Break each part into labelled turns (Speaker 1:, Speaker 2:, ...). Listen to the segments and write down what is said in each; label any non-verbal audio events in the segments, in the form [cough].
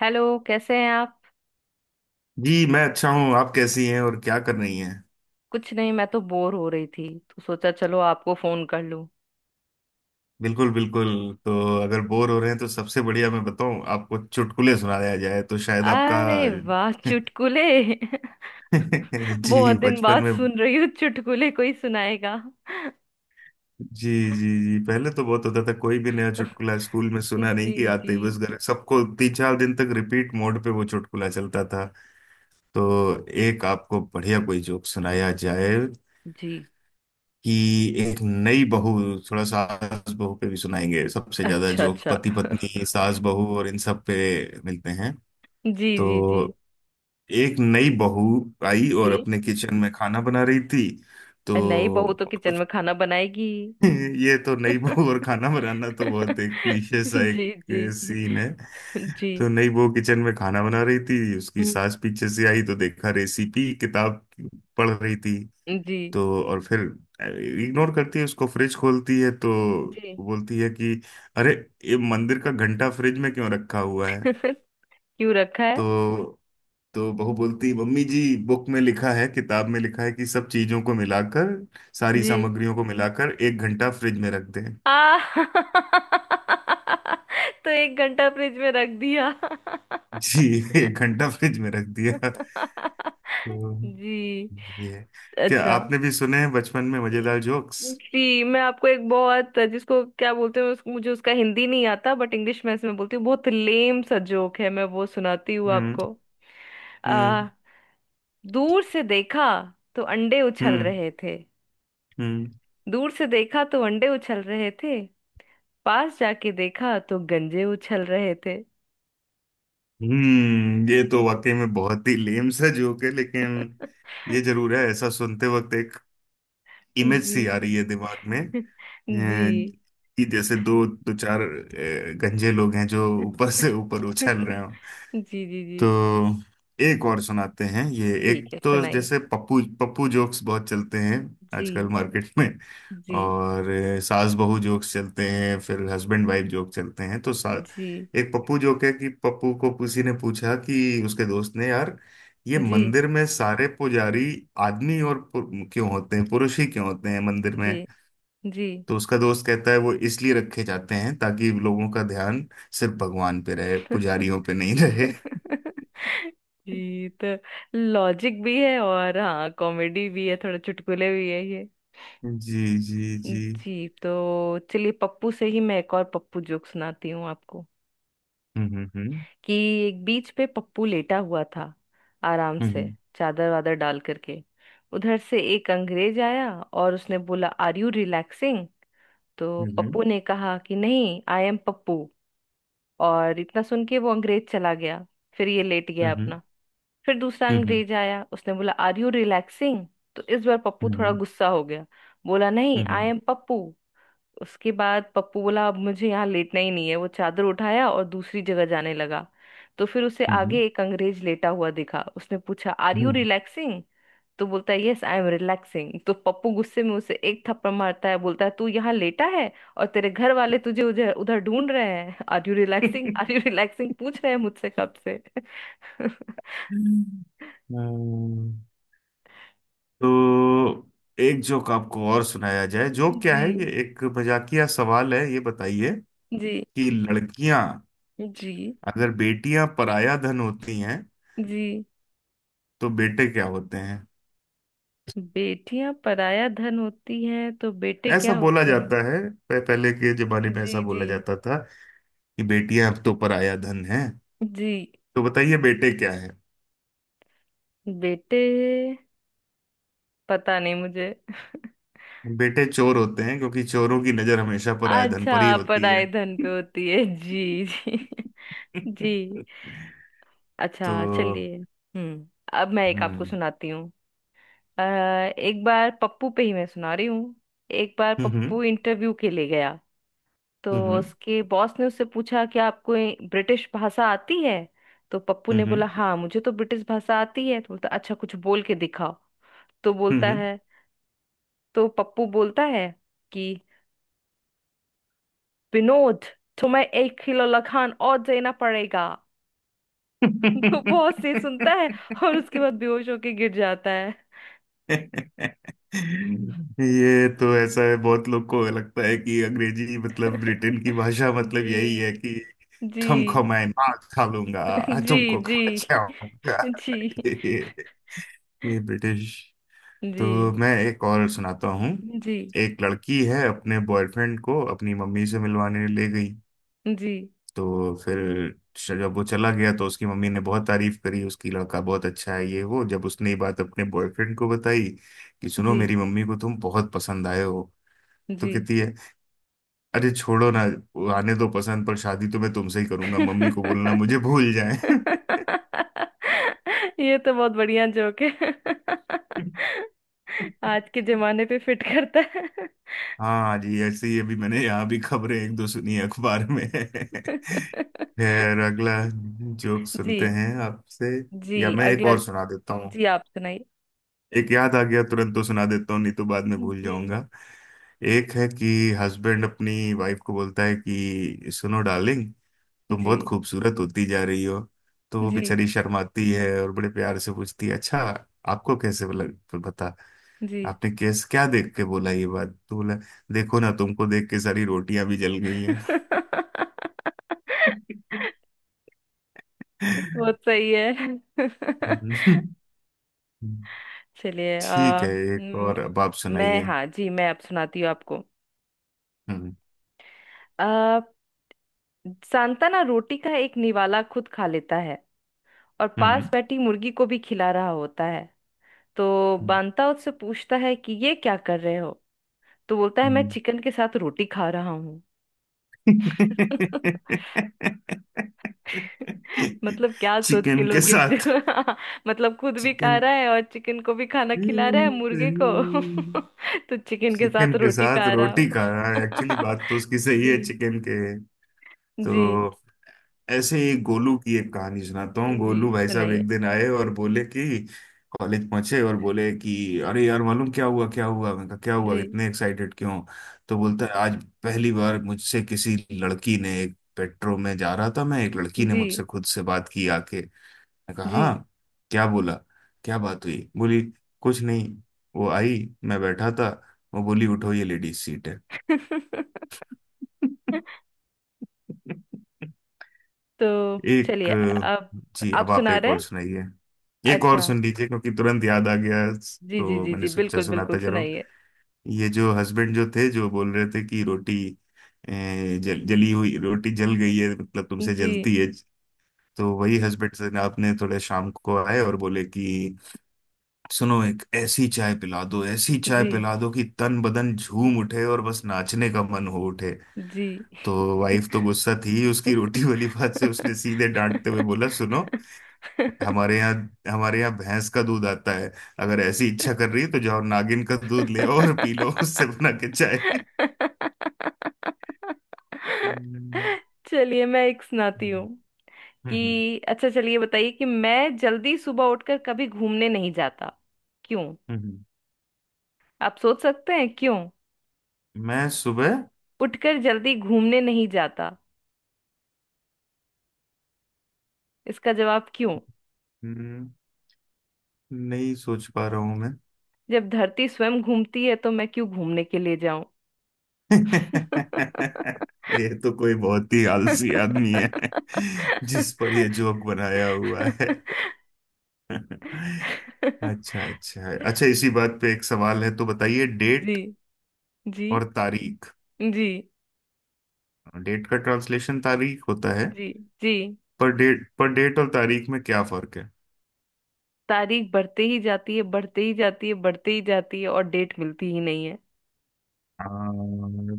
Speaker 1: Hello, कैसे हैं आप।
Speaker 2: जी, मैं अच्छा हूँ। आप कैसी हैं और क्या कर रही हैं।
Speaker 1: कुछ नहीं, मैं तो बोर हो रही थी तो सोचा चलो आपको फोन कर लूं।
Speaker 2: बिल्कुल बिल्कुल। तो अगर बोर हो रहे हैं तो सबसे बढ़िया मैं बताऊं, आपको चुटकुले सुनाया जाए तो शायद आपका
Speaker 1: अरे वाह,
Speaker 2: [laughs]
Speaker 1: चुटकुले। [laughs] बहुत
Speaker 2: जी,
Speaker 1: दिन
Speaker 2: बचपन
Speaker 1: बाद
Speaker 2: में।
Speaker 1: सुन रही हूँ चुटकुले कोई सुनाएगा।
Speaker 2: जी, जी, जी। पहले तो बहुत होता था, कोई भी नया चुटकुला स्कूल
Speaker 1: [laughs]
Speaker 2: में सुना नहीं कि
Speaker 1: जी
Speaker 2: आते
Speaker 1: जी
Speaker 2: ही बस घर सबको तीन चार दिन तक रिपीट मोड पे वो चुटकुला चलता था। तो एक आपको बढ़िया कोई जोक सुनाया जाए
Speaker 1: जी।
Speaker 2: कि एक नई बहू, थोड़ा सास बहू पे भी सुनाएंगे, सबसे ज्यादा
Speaker 1: अच्छा
Speaker 2: जोक
Speaker 1: अच्छा।
Speaker 2: पति
Speaker 1: [laughs]
Speaker 2: पत्नी सास बहू और इन सब पे मिलते हैं।
Speaker 1: जी जी जी
Speaker 2: तो एक नई बहू आई
Speaker 1: जी।
Speaker 2: और अपने किचन में खाना बना रही थी। तो
Speaker 1: अरे नई बहू तो
Speaker 2: और
Speaker 1: किचन
Speaker 2: कुछ
Speaker 1: में खाना बनाएगी।
Speaker 2: [laughs] ये तो नई
Speaker 1: [laughs]
Speaker 2: बहू और खाना बनाना तो बहुत एक क्लीशे सा
Speaker 1: जी
Speaker 2: एक
Speaker 1: जी
Speaker 2: सीन है।
Speaker 1: जी।
Speaker 2: तो नई बहू किचन में खाना बना रही थी, उसकी
Speaker 1: हम्म,
Speaker 2: सास पीछे से आई तो देखा रेसिपी किताब पढ़ रही थी।
Speaker 1: जी
Speaker 2: तो और फिर इग्नोर करती है उसको, फ्रिज खोलती है तो
Speaker 1: जी।
Speaker 2: बोलती है कि अरे ये मंदिर का घंटा फ्रिज में क्यों रखा हुआ है।
Speaker 1: [laughs] क्यों रखा है?
Speaker 2: तो तो बहू बोलती है मम्मी जी, बुक में लिखा है, किताब में लिखा है कि सब चीजों को मिलाकर, सारी
Speaker 1: जी।
Speaker 2: सामग्रियों को मिलाकर एक घंटा फ्रिज में रख दें।
Speaker 1: आ [laughs] तो 1 घंटा फ्रिज में रख दिया।
Speaker 2: जी [laughs] एक घंटा फ्रिज में रख दिया।
Speaker 1: [laughs]
Speaker 2: तो
Speaker 1: जी।
Speaker 2: ये है। क्या
Speaker 1: अच्छा।
Speaker 2: आपने भी सुने हैं बचपन में मजेदार जोक्स।
Speaker 1: जी, मैं आपको एक बहुत, जिसको क्या बोलते हैं मुझे उसका हिंदी नहीं आता, बट इंग्लिश में इसमें बोलती हूँ। बहुत लेम सा जोक है, मैं वो सुनाती हूँ
Speaker 2: हम्म।
Speaker 1: आपको।
Speaker 2: हम्म।
Speaker 1: आ, दूर से देखा तो अंडे उछल
Speaker 2: हम्म।
Speaker 1: रहे थे।
Speaker 2: हम्म।
Speaker 1: दूर से देखा तो अंडे उछल रहे थे, पास जाके देखा तो गंजे उछल रहे थे।
Speaker 2: हम्म, ये तो वाकई में बहुत ही लेम सा जोक है, लेकिन ये
Speaker 1: [laughs]
Speaker 2: जरूर है ऐसा सुनते वक्त एक इमेज सी आ रही
Speaker 1: जी।
Speaker 2: है दिमाग में,
Speaker 1: [laughs] जी।
Speaker 2: कि जैसे दो दो चार गंजे लोग हैं जो
Speaker 1: [laughs]
Speaker 2: ऊपर से ऊपर उछल रहे हो।
Speaker 1: जी जी जी।
Speaker 2: तो एक और सुनाते हैं, ये
Speaker 1: ठीक
Speaker 2: एक
Speaker 1: है,
Speaker 2: तो
Speaker 1: सुनाइए।
Speaker 2: जैसे पप्पू पप्पू जोक्स बहुत चलते हैं आजकल
Speaker 1: जी।
Speaker 2: मार्केट में,
Speaker 1: जी
Speaker 2: और सास बहू जोक्स चलते हैं, फिर हस्बैंड वाइफ जोक चलते हैं।
Speaker 1: जी
Speaker 2: एक पप्पू जोक है कि पप्पू को किसी ने पूछा कि उसके दोस्त ने, यार ये
Speaker 1: जी
Speaker 2: मंदिर में सारे पुजारी आदमी और क्यों होते हैं, पुरुष ही क्यों होते हैं मंदिर में।
Speaker 1: जी जी।
Speaker 2: तो उसका दोस्त कहता है वो इसलिए रखे जाते हैं ताकि लोगों का ध्यान सिर्फ भगवान पे रहे,
Speaker 1: [laughs]
Speaker 2: पुजारियों पे नहीं रहे।
Speaker 1: जी। तो लॉजिक भी है और हाँ कॉमेडी भी है, थोड़ा चुटकुले भी है ये।
Speaker 2: जी, जी, जी।
Speaker 1: जी, तो चलिए पप्पू से ही मैं एक और पप्पू जोक सुनाती हूँ आपको।
Speaker 2: हम्म। हम्म।
Speaker 1: कि एक बीच पे पप्पू लेटा हुआ था आराम से,
Speaker 2: हम्म।
Speaker 1: चादर वादर डाल करके। उधर से एक अंग्रेज आया और उसने बोला, आर यू रिलैक्सिंग? तो
Speaker 2: हम्म।
Speaker 1: पप्पू ने कहा कि नहीं, आई एम पप्पू। और इतना सुन के वो अंग्रेज चला गया। फिर ये लेट गया
Speaker 2: हम्म।
Speaker 1: अपना। फिर दूसरा
Speaker 2: हम्म।
Speaker 1: अंग्रेज आया, उसने बोला, आर यू रिलैक्सिंग? तो इस बार पप्पू थोड़ा
Speaker 2: हम्म।
Speaker 1: गुस्सा हो गया, बोला, नहीं आई
Speaker 2: हम्म।
Speaker 1: एम पप्पू। उसके बाद पप्पू बोला, अब मुझे यहाँ लेटना ही नहीं है। वो चादर उठाया और दूसरी जगह जाने लगा। तो फिर उसे
Speaker 2: हम्म।
Speaker 1: आगे एक अंग्रेज लेटा हुआ दिखा, उसने पूछा, आर यू रिलैक्सिंग? तो बोलता है, यस आई एम रिलैक्सिंग। तो पप्पू गुस्से में उसे एक थप्पड़ मारता है, बोलता है, तू यहाँ लेटा है और तेरे घर वाले तुझे उधर उधर ढूंढ रहे हैं, आर यू रिलैक्सिंग पूछ रहे हैं मुझसे कब से। [laughs]
Speaker 2: हम्म। तो एक जोक आपको और सुनाया जाए, जोक क्या है,
Speaker 1: जी
Speaker 2: ये एक मजाकिया सवाल है, ये बताइए
Speaker 1: जी
Speaker 2: कि लड़कियां,
Speaker 1: जी
Speaker 2: अगर बेटियां पराया धन होती हैं
Speaker 1: जी।
Speaker 2: तो बेटे क्या होते हैं।
Speaker 1: बेटियां पराया धन होती हैं तो बेटे
Speaker 2: ऐसा
Speaker 1: क्या
Speaker 2: बोला
Speaker 1: होते हैं?
Speaker 2: जाता है, पहले के जमाने में
Speaker 1: जी
Speaker 2: ऐसा
Speaker 1: जी
Speaker 2: बोला जाता था कि बेटियां अब तो पराया धन है।
Speaker 1: जी।
Speaker 2: तो बताइए बेटे क्या।
Speaker 1: बेटे, पता नहीं मुझे।
Speaker 2: बेटे चोर होते हैं क्योंकि चोरों की नजर हमेशा पराये धन पर ही
Speaker 1: अच्छा,
Speaker 2: होती है।
Speaker 1: पढ़ाई धन पे होती है,
Speaker 2: [laughs]
Speaker 1: जी जी। [laughs] जी।
Speaker 2: तो
Speaker 1: अच्छा चलिए। हम्म। अब मैं एक आपको
Speaker 2: हम्म।
Speaker 1: सुनाती हूँ। अ, एक बार पप्पू पे ही मैं सुना रही हूँ। एक बार
Speaker 2: हम्म। हम्म।
Speaker 1: पप्पू इंटरव्यू के लिए गया। तो
Speaker 2: हम्म।
Speaker 1: उसके बॉस ने उससे पूछा कि आपको ब्रिटिश भाषा आती है? तो पप्पू
Speaker 2: हम्म।
Speaker 1: ने बोला,
Speaker 2: हम्म।
Speaker 1: हाँ मुझे तो ब्रिटिश भाषा आती है। तो बोलता, अच्छा कुछ बोल के दिखाओ। तो बोलता
Speaker 2: हम्म।
Speaker 1: है, तो पप्पू बोलता है कि विनोद, तुम्हें 1 किलो लखान और देना पड़ेगा। [laughs] वो बहुत से सुनता है और उसके बाद
Speaker 2: [laughs]
Speaker 1: बेहोश होके गिर जाता है।
Speaker 2: ये तो ऐसा है, बहुत लोग को लगता है कि अंग्रेजी मतलब ब्रिटेन
Speaker 1: [laughs]
Speaker 2: की भाषा, मतलब यही है
Speaker 1: जी
Speaker 2: कि
Speaker 1: जी।
Speaker 2: तुमको मैं मार खा लूंगा,
Speaker 1: [laughs] जी
Speaker 2: तुमको खा
Speaker 1: जी।
Speaker 2: जाऊंगा।
Speaker 1: [laughs]
Speaker 2: [laughs]
Speaker 1: जी
Speaker 2: ये ब्रिटिश।
Speaker 1: जी
Speaker 2: तो
Speaker 1: जी
Speaker 2: मैं एक और सुनाता हूँ। एक लड़की है, अपने बॉयफ्रेंड को अपनी मम्मी से मिलवाने ले गई।
Speaker 1: जी
Speaker 2: तो फिर जब वो चला गया तो उसकी मम्मी ने बहुत तारीफ करी उसकी, लड़का बहुत अच्छा है ये वो। जब उसने ये बात अपने बॉयफ्रेंड को बताई कि सुनो
Speaker 1: जी
Speaker 2: मेरी मम्मी को तुम बहुत पसंद आए हो, तो
Speaker 1: जी।
Speaker 2: कहती है अरे छोड़ो ना, वो आने दो पसंद पर, शादी तो मैं तुमसे ही करूंगा, मम्मी को बोलना मुझे भूल जाए।
Speaker 1: [laughs] ये तो बहुत बढ़िया जोक है। [laughs]
Speaker 2: [laughs]
Speaker 1: आज के जमाने पे फिट करता है।
Speaker 2: हाँ जी, ऐसे ही अभी मैंने यहाँ भी खबरें एक दो सुनी है अखबार में। [laughs]
Speaker 1: [laughs]
Speaker 2: फिर अगला जोक सुनते
Speaker 1: जी।
Speaker 2: हैं आपसे,
Speaker 1: जी
Speaker 2: या मैं एक
Speaker 1: अगला।
Speaker 2: और सुना देता हूँ।
Speaker 1: जी आप सुनाइए।
Speaker 2: एक याद आ गया तुरंत तो सुना देता हूँ, नहीं तो बाद में भूल
Speaker 1: जी
Speaker 2: जाऊंगा। एक है कि हस्बैंड अपनी वाइफ को बोलता है कि सुनो डार्लिंग, तुम
Speaker 1: जी
Speaker 2: बहुत खूबसूरत होती जा रही हो। तो वो
Speaker 1: जी
Speaker 2: बेचारी शर्माती है और बड़े प्यार से पूछती है अच्छा आपको कैसे लग, पता,
Speaker 1: जी।
Speaker 2: आपने कैसे क्या देख के बोला ये बात। तो बोला देखो ना, तुमको देख के सारी रोटियां भी जल गई हैं।
Speaker 1: [laughs] बहुत सही है। [laughs]
Speaker 2: [laughs]
Speaker 1: चलिए
Speaker 2: ठीक है, एक और अब आप
Speaker 1: मैं,
Speaker 2: सुनाइए।
Speaker 1: हाँ जी मैं अब सुनाती हूँ आपको।
Speaker 2: हम्म।
Speaker 1: आ, सांताना रोटी का एक निवाला खुद खा लेता है और
Speaker 2: हम्म।
Speaker 1: पास बैठी मुर्गी को भी खिला रहा होता है। तो बांता उससे पूछता है कि ये क्या कर रहे हो? तो बोलता है, मैं
Speaker 2: हम्म।
Speaker 1: चिकन के साथ रोटी खा रहा हूँ। [laughs] मतलब क्या सोच के
Speaker 2: चिकन के
Speaker 1: लोगे जो।
Speaker 2: साथ।
Speaker 1: [laughs] मतलब खुद भी खा
Speaker 2: चिकन।
Speaker 1: रहा है और चिकन को भी खाना खिला रहा है, मुर्गे को। [laughs] तो चिकन के
Speaker 2: चिकन
Speaker 1: साथ
Speaker 2: के
Speaker 1: रोटी
Speaker 2: साथ
Speaker 1: खा रहा
Speaker 2: रोटी
Speaker 1: हो।
Speaker 2: खा रहा है, एक्चुअली
Speaker 1: [laughs]
Speaker 2: बात तो उसकी सही है,
Speaker 1: जी।
Speaker 2: चिकन के।
Speaker 1: जी
Speaker 2: तो ऐसे ही गोलू की एक कहानी सुनाता हूँ।
Speaker 1: जी
Speaker 2: गोलू भाई साहब
Speaker 1: सुनाइए।
Speaker 2: एक दिन आए और बोले कि कॉलेज पहुंचे और बोले कि अरे यार मालूम क्या हुआ, क्या हुआ, मैं कहा क्या हुआ
Speaker 1: जी
Speaker 2: इतने एक्साइटेड क्यों। तो बोलता है आज पहली बार मुझसे किसी लड़की ने, एक पेट्रो में जा रहा था मैं, एक लड़की ने
Speaker 1: जी
Speaker 2: मुझसे खुद से बात की आके। मैं कहा
Speaker 1: जी।
Speaker 2: हाँ, क्या बोला, क्या बात हुई। बोली कुछ नहीं, वो आई, मैं बैठा था, वो बोली उठो ये लेडीज सीट है।
Speaker 1: [laughs]
Speaker 2: [laughs]
Speaker 1: तो
Speaker 2: एक,
Speaker 1: चलिए, अब
Speaker 2: जी
Speaker 1: आप
Speaker 2: अब आप
Speaker 1: सुना
Speaker 2: एक
Speaker 1: रहे
Speaker 2: और
Speaker 1: हैं।
Speaker 2: सुनाइए। एक और
Speaker 1: अच्छा।
Speaker 2: सुन लीजिए क्योंकि तुरंत याद आ गया,
Speaker 1: जी जी
Speaker 2: तो
Speaker 1: जी
Speaker 2: मैंने
Speaker 1: जी
Speaker 2: सोचा
Speaker 1: बिल्कुल बिल्कुल,
Speaker 2: सुनाता जरूर।
Speaker 1: सुनाइए।
Speaker 2: ये जो हस्बैंड जो थे जो बोल रहे थे कि रोटी जली हुई रोटी जल गई है मतलब तुमसे
Speaker 1: जी
Speaker 2: जलती है। तो वही हस्बैंड से ना, आपने थोड़े शाम को आए और बोले कि सुनो एक ऐसी चाय पिला दो, ऐसी चाय
Speaker 1: जी
Speaker 2: पिला दो कि तन बदन झूम उठे और बस नाचने का मन हो उठे।
Speaker 1: जी।
Speaker 2: तो वाइफ तो गुस्सा थी उसकी रोटी वाली बात से, उसने सीधे
Speaker 1: [laughs]
Speaker 2: डांटते हुए बोला सुनो, हमारे यहाँ हमारे यहाँ भैंस का दूध आता है, अगर ऐसी इच्छा
Speaker 1: [laughs]
Speaker 2: कर रही है तो जाओ नागिन का दूध ले और पी लो, उससे बना के चाय। हम्म,
Speaker 1: चलिए मैं एक सुनाती हूँ।
Speaker 2: हम्म,
Speaker 1: कि अच्छा चलिए, बताइए कि मैं जल्दी सुबह उठकर कभी घूमने नहीं जाता। क्यों?
Speaker 2: हम्म।
Speaker 1: आप सोच सकते हैं क्यों?
Speaker 2: मैं सुबह।
Speaker 1: उठकर जल्दी घूमने नहीं जाता, इसका जवाब क्यों?
Speaker 2: हम्म, नहीं सोच पा रहा हूं मैं।
Speaker 1: जब धरती स्वयं घूमती है तो मैं क्यों घूमने के लिए जाऊं।
Speaker 2: [laughs] ये तो कोई बहुत ही आलसी आदमी है जिस पर ये जोक बनाया हुआ है।
Speaker 1: [laughs]
Speaker 2: [laughs] अच्छा अच्छा अच्छा, इसी बात पे एक सवाल है, तो बताइए
Speaker 1: जी
Speaker 2: डेट
Speaker 1: जी
Speaker 2: और तारीख,
Speaker 1: जी
Speaker 2: डेट का ट्रांसलेशन तारीख होता है,
Speaker 1: जी जी।
Speaker 2: पर डेट पर, डेट और तारीख में क्या फर्क है।
Speaker 1: तारीख बढ़ते ही जाती है, बढ़ते ही जाती है, बढ़ते ही जाती है, और डेट मिलती ही नहीं है।
Speaker 2: आ,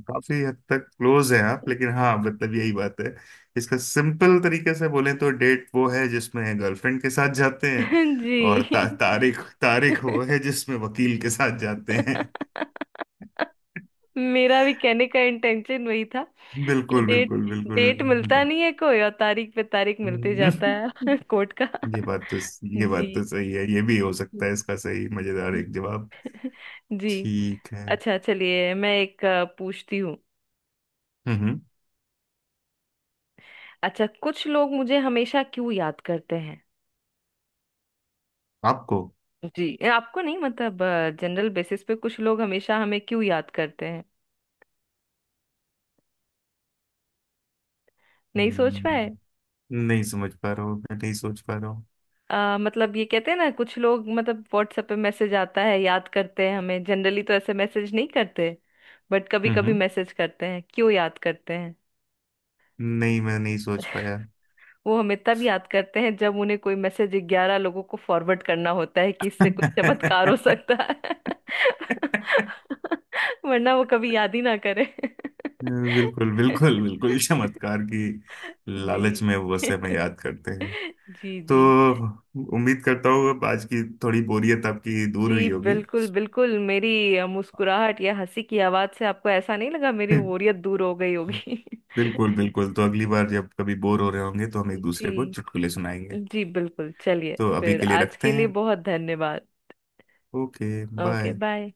Speaker 2: काफी हद तक क्लोज है आप, लेकिन हाँ मतलब यही बात है। इसका सिंपल तरीके से बोले तो डेट वो है जिसमें गर्लफ्रेंड के साथ जाते हैं,
Speaker 1: [laughs]
Speaker 2: और
Speaker 1: जी।
Speaker 2: तारीख तारीख वो है जिसमें वकील के साथ जाते हैं।
Speaker 1: [laughs] मेरा भी कहने का इंटेंशन वही था
Speaker 2: [laughs]
Speaker 1: कि
Speaker 2: बिल्कुल
Speaker 1: डेट,
Speaker 2: बिल्कुल
Speaker 1: डेट मिलता
Speaker 2: बिल्कुल।
Speaker 1: नहीं है कोई, और तारीख पे तारीख मिलते जाता
Speaker 2: [laughs]
Speaker 1: है, [laughs] कोर्ट का।
Speaker 2: ये बात तो, ये बात
Speaker 1: जी।
Speaker 2: तो सही है, ये भी हो सकता है इसका
Speaker 1: [laughs]
Speaker 2: सही मजेदार एक जवाब।
Speaker 1: जी।
Speaker 2: ठीक है।
Speaker 1: अच्छा चलिए मैं एक पूछती हूँ।
Speaker 2: हम्म।
Speaker 1: अच्छा, कुछ लोग मुझे हमेशा क्यों याद करते हैं?
Speaker 2: आपको।
Speaker 1: जी, ये आपको नहीं मतलब, जनरल बेसिस पे कुछ लोग हमेशा हमें क्यों याद करते हैं? नहीं सोच पाए।
Speaker 2: हम्म, नहीं समझ पा रहा हूँ मैं, नहीं सोच पा रहा।
Speaker 1: मतलब ये कहते हैं ना कुछ लोग, मतलब व्हाट्सएप पे मैसेज आता है, याद करते हैं हमें, जनरली तो ऐसे मैसेज नहीं करते। बट कभी कभी
Speaker 2: हम्म,
Speaker 1: मैसेज करते हैं, क्यों याद करते हैं?
Speaker 2: नहीं मैं नहीं सोच पाया।
Speaker 1: वो हमें तब याद करते हैं जब उन्हें कोई मैसेज 11 लोगों को फॉरवर्ड करना होता है कि इससे कुछ चमत्कार हो
Speaker 2: [laughs]
Speaker 1: सकता है। [laughs] वरना वो कभी याद ही ना करे।
Speaker 2: बिल्कुल बिल्कुल
Speaker 1: [laughs]
Speaker 2: बिल्कुल, चमत्कार की
Speaker 1: जी।
Speaker 2: लालच में वैसे में
Speaker 1: [laughs]
Speaker 2: याद करते हैं।
Speaker 1: जी
Speaker 2: तो
Speaker 1: जी।
Speaker 2: उम्मीद करता हूँ अब आज की थोड़ी बोरियत आपकी दूर
Speaker 1: जी
Speaker 2: हुई होगी।
Speaker 1: बिल्कुल बिल्कुल, मेरी मुस्कुराहट या हंसी की आवाज से आपको ऐसा नहीं लगा मेरी
Speaker 2: [laughs]
Speaker 1: बोरियत दूर हो गई होगी? [laughs]
Speaker 2: बिल्कुल बिल्कुल, तो अगली बार जब कभी बोर हो रहे होंगे तो हम एक दूसरे को
Speaker 1: जी।
Speaker 2: चुटकुले सुनाएंगे।
Speaker 1: जी बिल्कुल, चलिए
Speaker 2: तो अभी
Speaker 1: फिर
Speaker 2: के लिए
Speaker 1: आज
Speaker 2: रखते
Speaker 1: के लिए
Speaker 2: हैं।
Speaker 1: बहुत धन्यवाद।
Speaker 2: Okay
Speaker 1: okay
Speaker 2: bye.
Speaker 1: बाय।